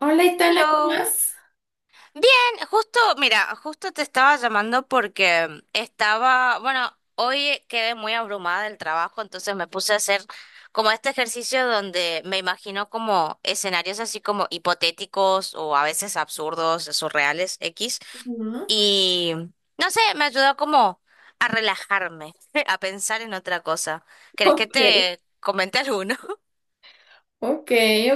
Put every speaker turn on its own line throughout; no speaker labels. Hola, Itana, ¿cómo
Hello.
vas?
Bien, justo, mira, justo te estaba llamando porque estaba, bueno, hoy quedé muy abrumada del trabajo, entonces me puse a hacer como este ejercicio donde me imagino como escenarios así como hipotéticos o a veces absurdos, surreales, X,
Ujú.
y no sé, me ayudó como a relajarme, a pensar en otra cosa. ¿Crees que
Ok,
te comente alguno?
ok,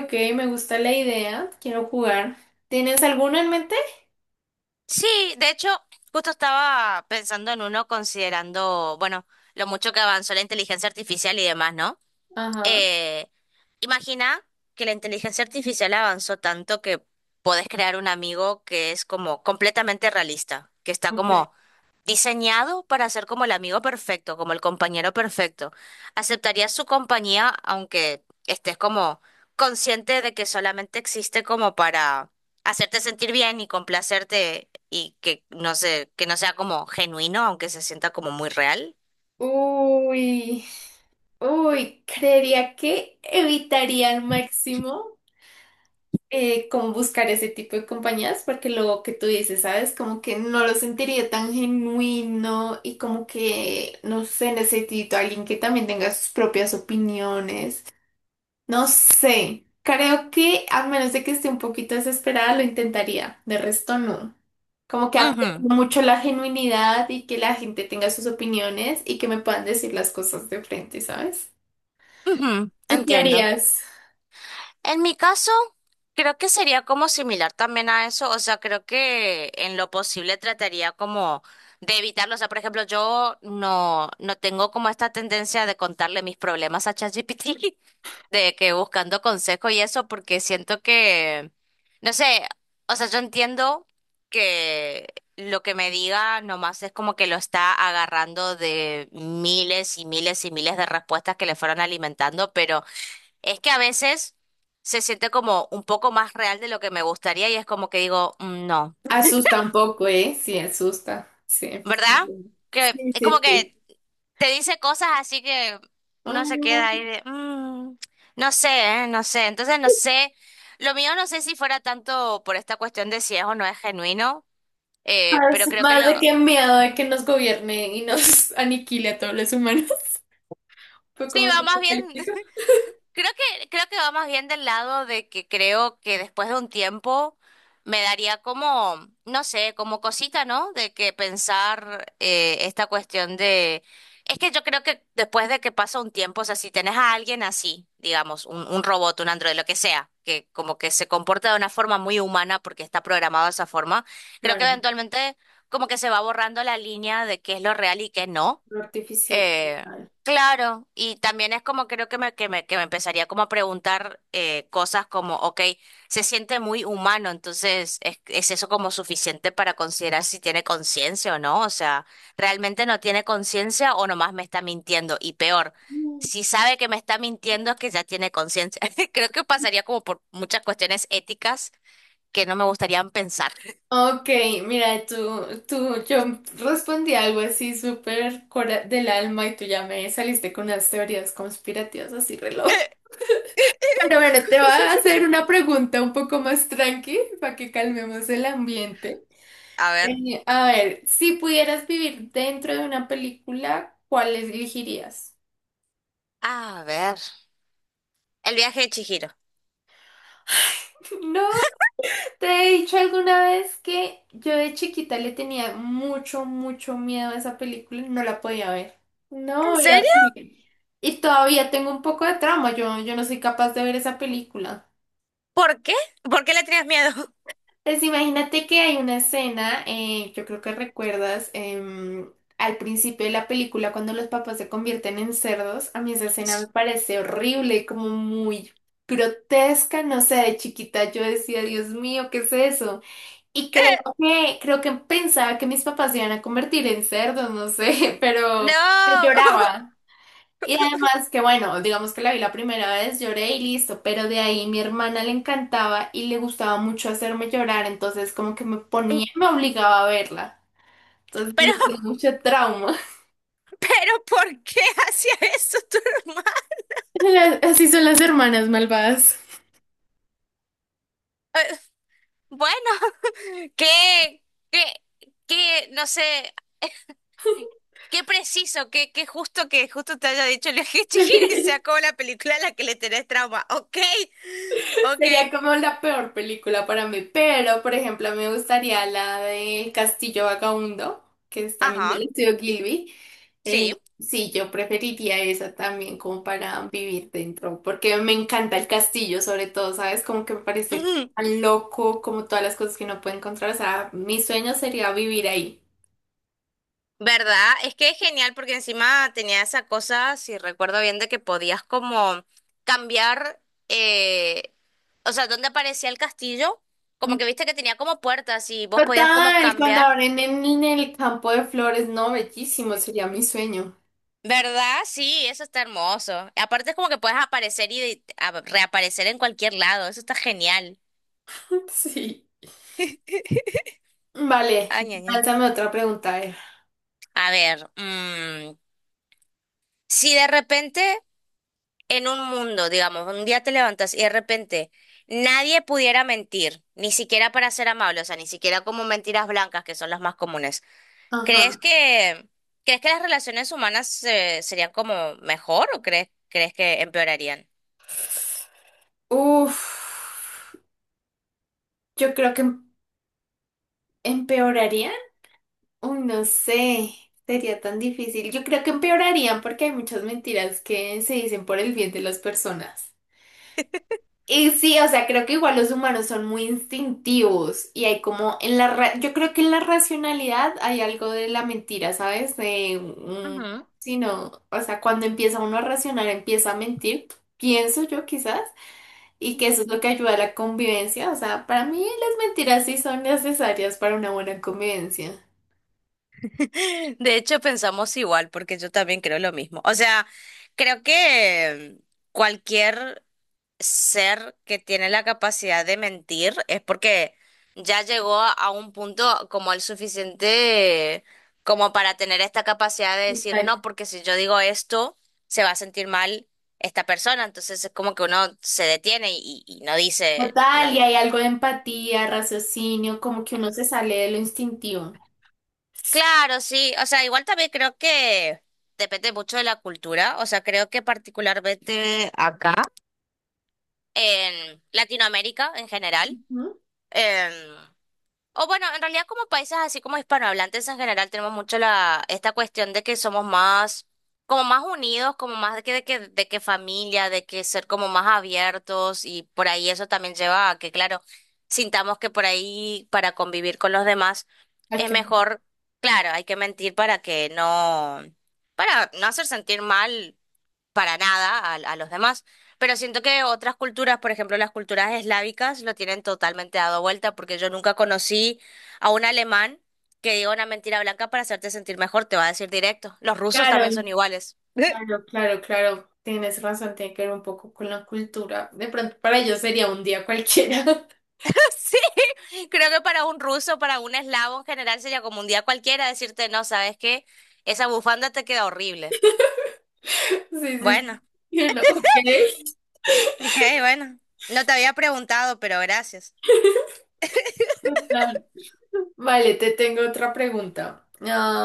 ok, me gusta la idea. Quiero jugar. ¿Tienes alguno en mente?
Sí, de hecho, justo estaba pensando en uno considerando, bueno, lo mucho que avanzó la inteligencia artificial y demás, ¿no?
Ajá,
Eh, Imagina que la inteligencia artificial avanzó tanto que podés crear un amigo que es como completamente realista, que está
okay.
como diseñado para ser como el amigo perfecto, como el compañero perfecto. ¿Aceptarías su compañía aunque estés como consciente de que solamente existe como para hacerte sentir bien y complacerte y que no sé, que no sea como genuino, aunque se sienta como muy real?
Uy, uy, creería que evitaría al máximo como buscar ese tipo de compañías, porque lo que tú dices, ¿sabes? Como que no lo sentiría tan genuino y como que, no sé, necesito a alguien que también tenga sus propias opiniones. No sé, creo que a menos de que esté un poquito desesperada lo intentaría, de resto no. Como que aprecio
Ujú,
mucho la genuinidad y que la gente tenga sus opiniones y que me puedan decir las cosas de frente, ¿sabes?
ujú,
¿Tú qué
entiendo.
harías?
En mi caso, creo que sería como similar también a eso, o sea, creo que en lo posible trataría como de evitarlo, o sea, por ejemplo, yo no, no tengo como esta tendencia de contarle mis problemas a ChatGPT, de que buscando consejo y eso, porque siento que, no sé, o sea, yo entiendo que lo que me diga nomás es como que lo está agarrando de miles y miles y miles de respuestas que le fueron alimentando, pero... Es que a veces se siente como un poco más real de lo que me gustaría y es como que digo, "Mm, no,
Asusta un poco, ¿eh? Sí, asusta, sí.
¿verdad?". Que
Sí,
es
sí,
como
sí.
que te dice cosas así que uno se queda
Mm,
ahí de, "Mm, no sé, no sé". Entonces no sé, lo mío no sé si fuera tanto por esta cuestión de si es o no es genuino,
más,
pero creo que
más
lo...
de que miedo de que nos gobierne y nos aniquile a todos los humanos. Un
Sí,
poco más
va más bien.
apocalíptico.
Creo creo que va más bien del lado de que creo que después de un tiempo me daría como, no sé, como cosita, ¿no? De que pensar esta cuestión de... Es que yo creo que después de que pasa un tiempo, o sea, si tenés a alguien así, digamos, un robot, un androide, lo que sea, que como que se comporta de una forma muy humana porque está programado de esa forma, creo que
Claro,
eventualmente como que se va borrando la línea de qué es lo real y qué no.
lo artificial.
Eh,
Total.
claro, y también es como creo que me empezaría como a preguntar cosas como, ok, se siente muy humano, entonces es eso como suficiente para considerar si tiene conciencia o no? O sea, ¿realmente no tiene conciencia o nomás me está mintiendo? Y peor, si sabe que me está mintiendo es que ya tiene conciencia. Creo que pasaría como por muchas cuestiones éticas que no me gustaría pensar.
Ok, mira, tú, yo respondí algo así súper cora- del alma y tú ya me saliste con unas teorías conspirativas así reloj. Pero bueno, te voy a hacer una pregunta un poco más tranqui para que calmemos el ambiente.
A ver.
A ver, si pudieras vivir dentro de una película, ¿cuál elegirías?
A ver. El viaje de Chihiro.
No. Te he dicho alguna vez que yo de chiquita le tenía mucho, mucho miedo a esa película y no la podía ver.
¿En
No, era
serio?
horrible. Y todavía tengo un poco de trauma, yo no soy capaz de ver esa película.
¿Por qué? ¿Por qué le tenías miedo?
Pues imagínate que hay una escena, yo creo que recuerdas, al principio de la película cuando los papás se convierten en cerdos, a mí esa escena me parece horrible, como muy grotesca, no sé, de chiquita yo decía, Dios mío, ¿qué es eso? Y
Eh,
creo que pensaba que mis papás se iban a convertir en cerdos, no sé, pero
no.
lloraba. Y además que bueno, digamos que la vi la primera vez, lloré y listo, pero de ahí mi hermana le encantaba y le gustaba mucho hacerme llorar, entonces como que me ponía, me obligaba a verla. Entonces le
Pero,
tenía mucho trauma.
pero, ¿por qué hacía eso tu hermano?
Las- Así son las hermanas malvadas.
Eh, Bueno, qué, qué, qué, no sé, qué preciso, qué justo que justo te haya dicho el viaje Chihiro y se acabó la película a la que le tenés trauma. Ok, ok,
Sería como la peor película para mí, pero por ejemplo me gustaría la de Castillo Vagabundo, que es también
ajá,
del estudio Gilby. Eh,
sí.
sí, yo preferiría esa también como para vivir dentro, porque me encanta el castillo sobre todo, ¿sabes? Como que me parece tan loco, como todas las cosas que no puede encontrar, o sea, mi sueño sería vivir ahí.
¿Verdad? Es que es genial porque encima tenía esa cosa, si recuerdo bien, de que podías como cambiar, eh, o sea, donde aparecía el castillo, como
Mm.
que viste que tenía como puertas y vos podías como
Total, cuando
cambiar.
abren en el campo de flores, no, bellísimo, sería mi sueño.
¿Verdad? Sí, eso está hermoso. Aparte es como que puedes aparecer y de- a- reaparecer en cualquier lado, eso está genial.
Sí. Vale,
Ay, ña, ña.
lánzame otra pregunta, a ver.
A ver, mm, si de repente en un mundo, digamos, un día te levantas y de repente nadie pudiera mentir, ni siquiera para ser amable, o sea, ni siquiera como mentiras blancas, que son las más comunes,
Ajá.
¿crees crees que las relaciones humanas serían como mejor o crees que empeorarían?
Uf, yo creo que em- empeorarían. Uy, no sé, sería tan difícil. Yo creo que empeorarían porque hay muchas mentiras que se dicen por el bien de las personas. Y sí, o sea, creo que igual los humanos son muy instintivos y hay como en la ra- yo creo que en la racionalidad hay algo de la mentira, ¿sabes? De
Ujú,
sí, no, o sea, cuando empieza uno a racionar, empieza a mentir, pienso yo quizás. Y que
ujú.
eso es lo que ayuda a la convivencia. O sea, para mí las mentiras sí son necesarias para una buena convivencia.
De hecho, pensamos igual, porque yo también creo lo mismo. O sea, creo que cualquier ser que tiene la capacidad de mentir es porque ya llegó a un punto como el suficiente como para tener esta capacidad de decir
Total,
no, porque si yo digo esto, se va a sentir mal esta persona. Entonces es como que uno se detiene y no dice, no.
Total, y hay algo de empatía, raciocinio, como que uno se sale de lo instintivo.
Claro, sí. O sea, igual también creo que depende mucho de la cultura. O sea, creo que particularmente acá, en Latinoamérica en general.
Ujú.
Em, o bueno, en realidad como países así como hispanohablantes en general tenemos mucho la, esta cuestión de que somos más, como más unidos, como más de que familia, de que ser como más abiertos y por ahí eso también lleva a que, claro, sintamos que por ahí para convivir con los demás
Hay
es
que-
mejor, claro, hay que mentir para que no, para no hacer sentir mal para nada a los demás. Pero siento que otras culturas, por ejemplo, las culturas eslávicas, lo tienen totalmente dado vuelta, porque yo nunca conocí a un alemán que diga una mentira blanca para hacerte sentir mejor, te va a decir directo. Los rusos
Claro,
también son iguales.
claro, claro, claro. Tienes razón, tiene que ver un poco con la cultura. De pronto para ellos sería un día cualquiera.
Sí, creo que para un ruso, para un eslavo en general sería como un día cualquiera decirte, no, ¿sabes qué? Esa bufanda te queda horrible.
Sí, sí, sí.
Bueno,
Y ok.
ok, bueno. No te había preguntado, pero gracias.
Total. Vale, te tengo otra pregunta.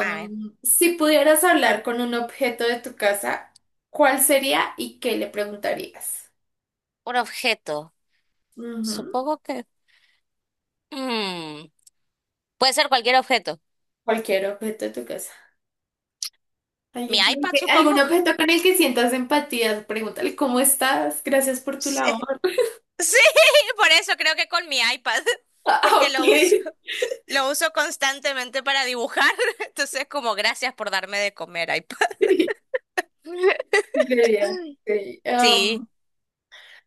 A ver,
si pudieras hablar con un objeto de tu casa, ¿cuál sería y qué le preguntarías?
un objeto.
Ujú.
Supongo que... Mm. Puede ser cualquier objeto.
Cualquier objeto de tu casa.
Mi
Alguien con el
iPad,
que-
supongo.
algún objeto con el que sientas empatía, pregúntale cómo estás, gracias por tu
Sí,
labor.
sí, por eso creo que con mi iPad,
Ah,
porque
ok.
lo uso constantemente para dibujar. Entonces, como gracias por darme de comer, iPad.
Sí, sería. Sí.
Sí.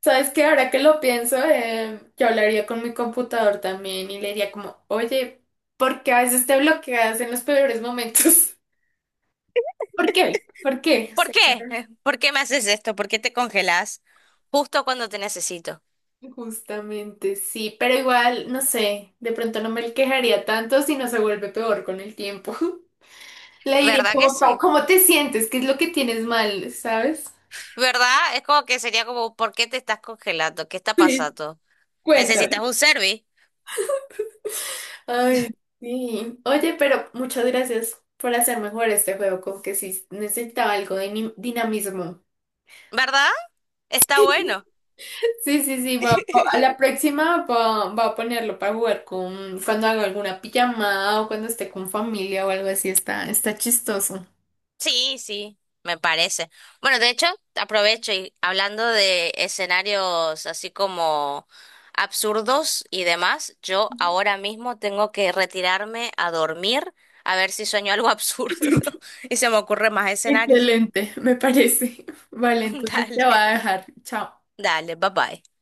¿Sabes qué? Ahora que lo pienso, yo hablaría con mi computador también y le diría como, oye, ¿por qué a veces te bloqueas en los peores momentos? ¿Por qué? ¿Por qué? O
¿Por
sea,
qué? ¿Por qué me haces esto? ¿Por qué te congelas justo cuando te necesito?
justamente sí, pero igual, no sé, de pronto no me quejaría tanto si no se vuelve peor con el tiempo. Le diría
¿Verdad que
como, "Pau,
sí?
¿cómo te sientes? ¿Qué es lo que tienes mal? ¿Sabes?
¿Verdad? Es como que sería como, ¿por qué te estás congelando? ¿Qué está
Sí,
pasando? ¿Necesitas
cuéntame.
un service?
Ay, sí. Oye, pero muchas gracias por hacer mejor este juego, como que sí necesitaba algo de ni- dinamismo.
¿Verdad? Está bueno.
Sí, sí, sí, va, va- a la próxima va a ponerlo para jugar con cuando haga alguna pijamada o cuando esté con familia o algo así, está, está chistoso.
Sí, sí, me parece. Bueno, de hecho, aprovecho y hablando de escenarios así como absurdos y demás, yo ahora mismo tengo que retirarme a dormir a ver si sueño algo absurdo y se me ocurren más escenarios.
Excelente, me parece. Vale, entonces te
Dale,
va a dejar. Chao.
dale, bye bye.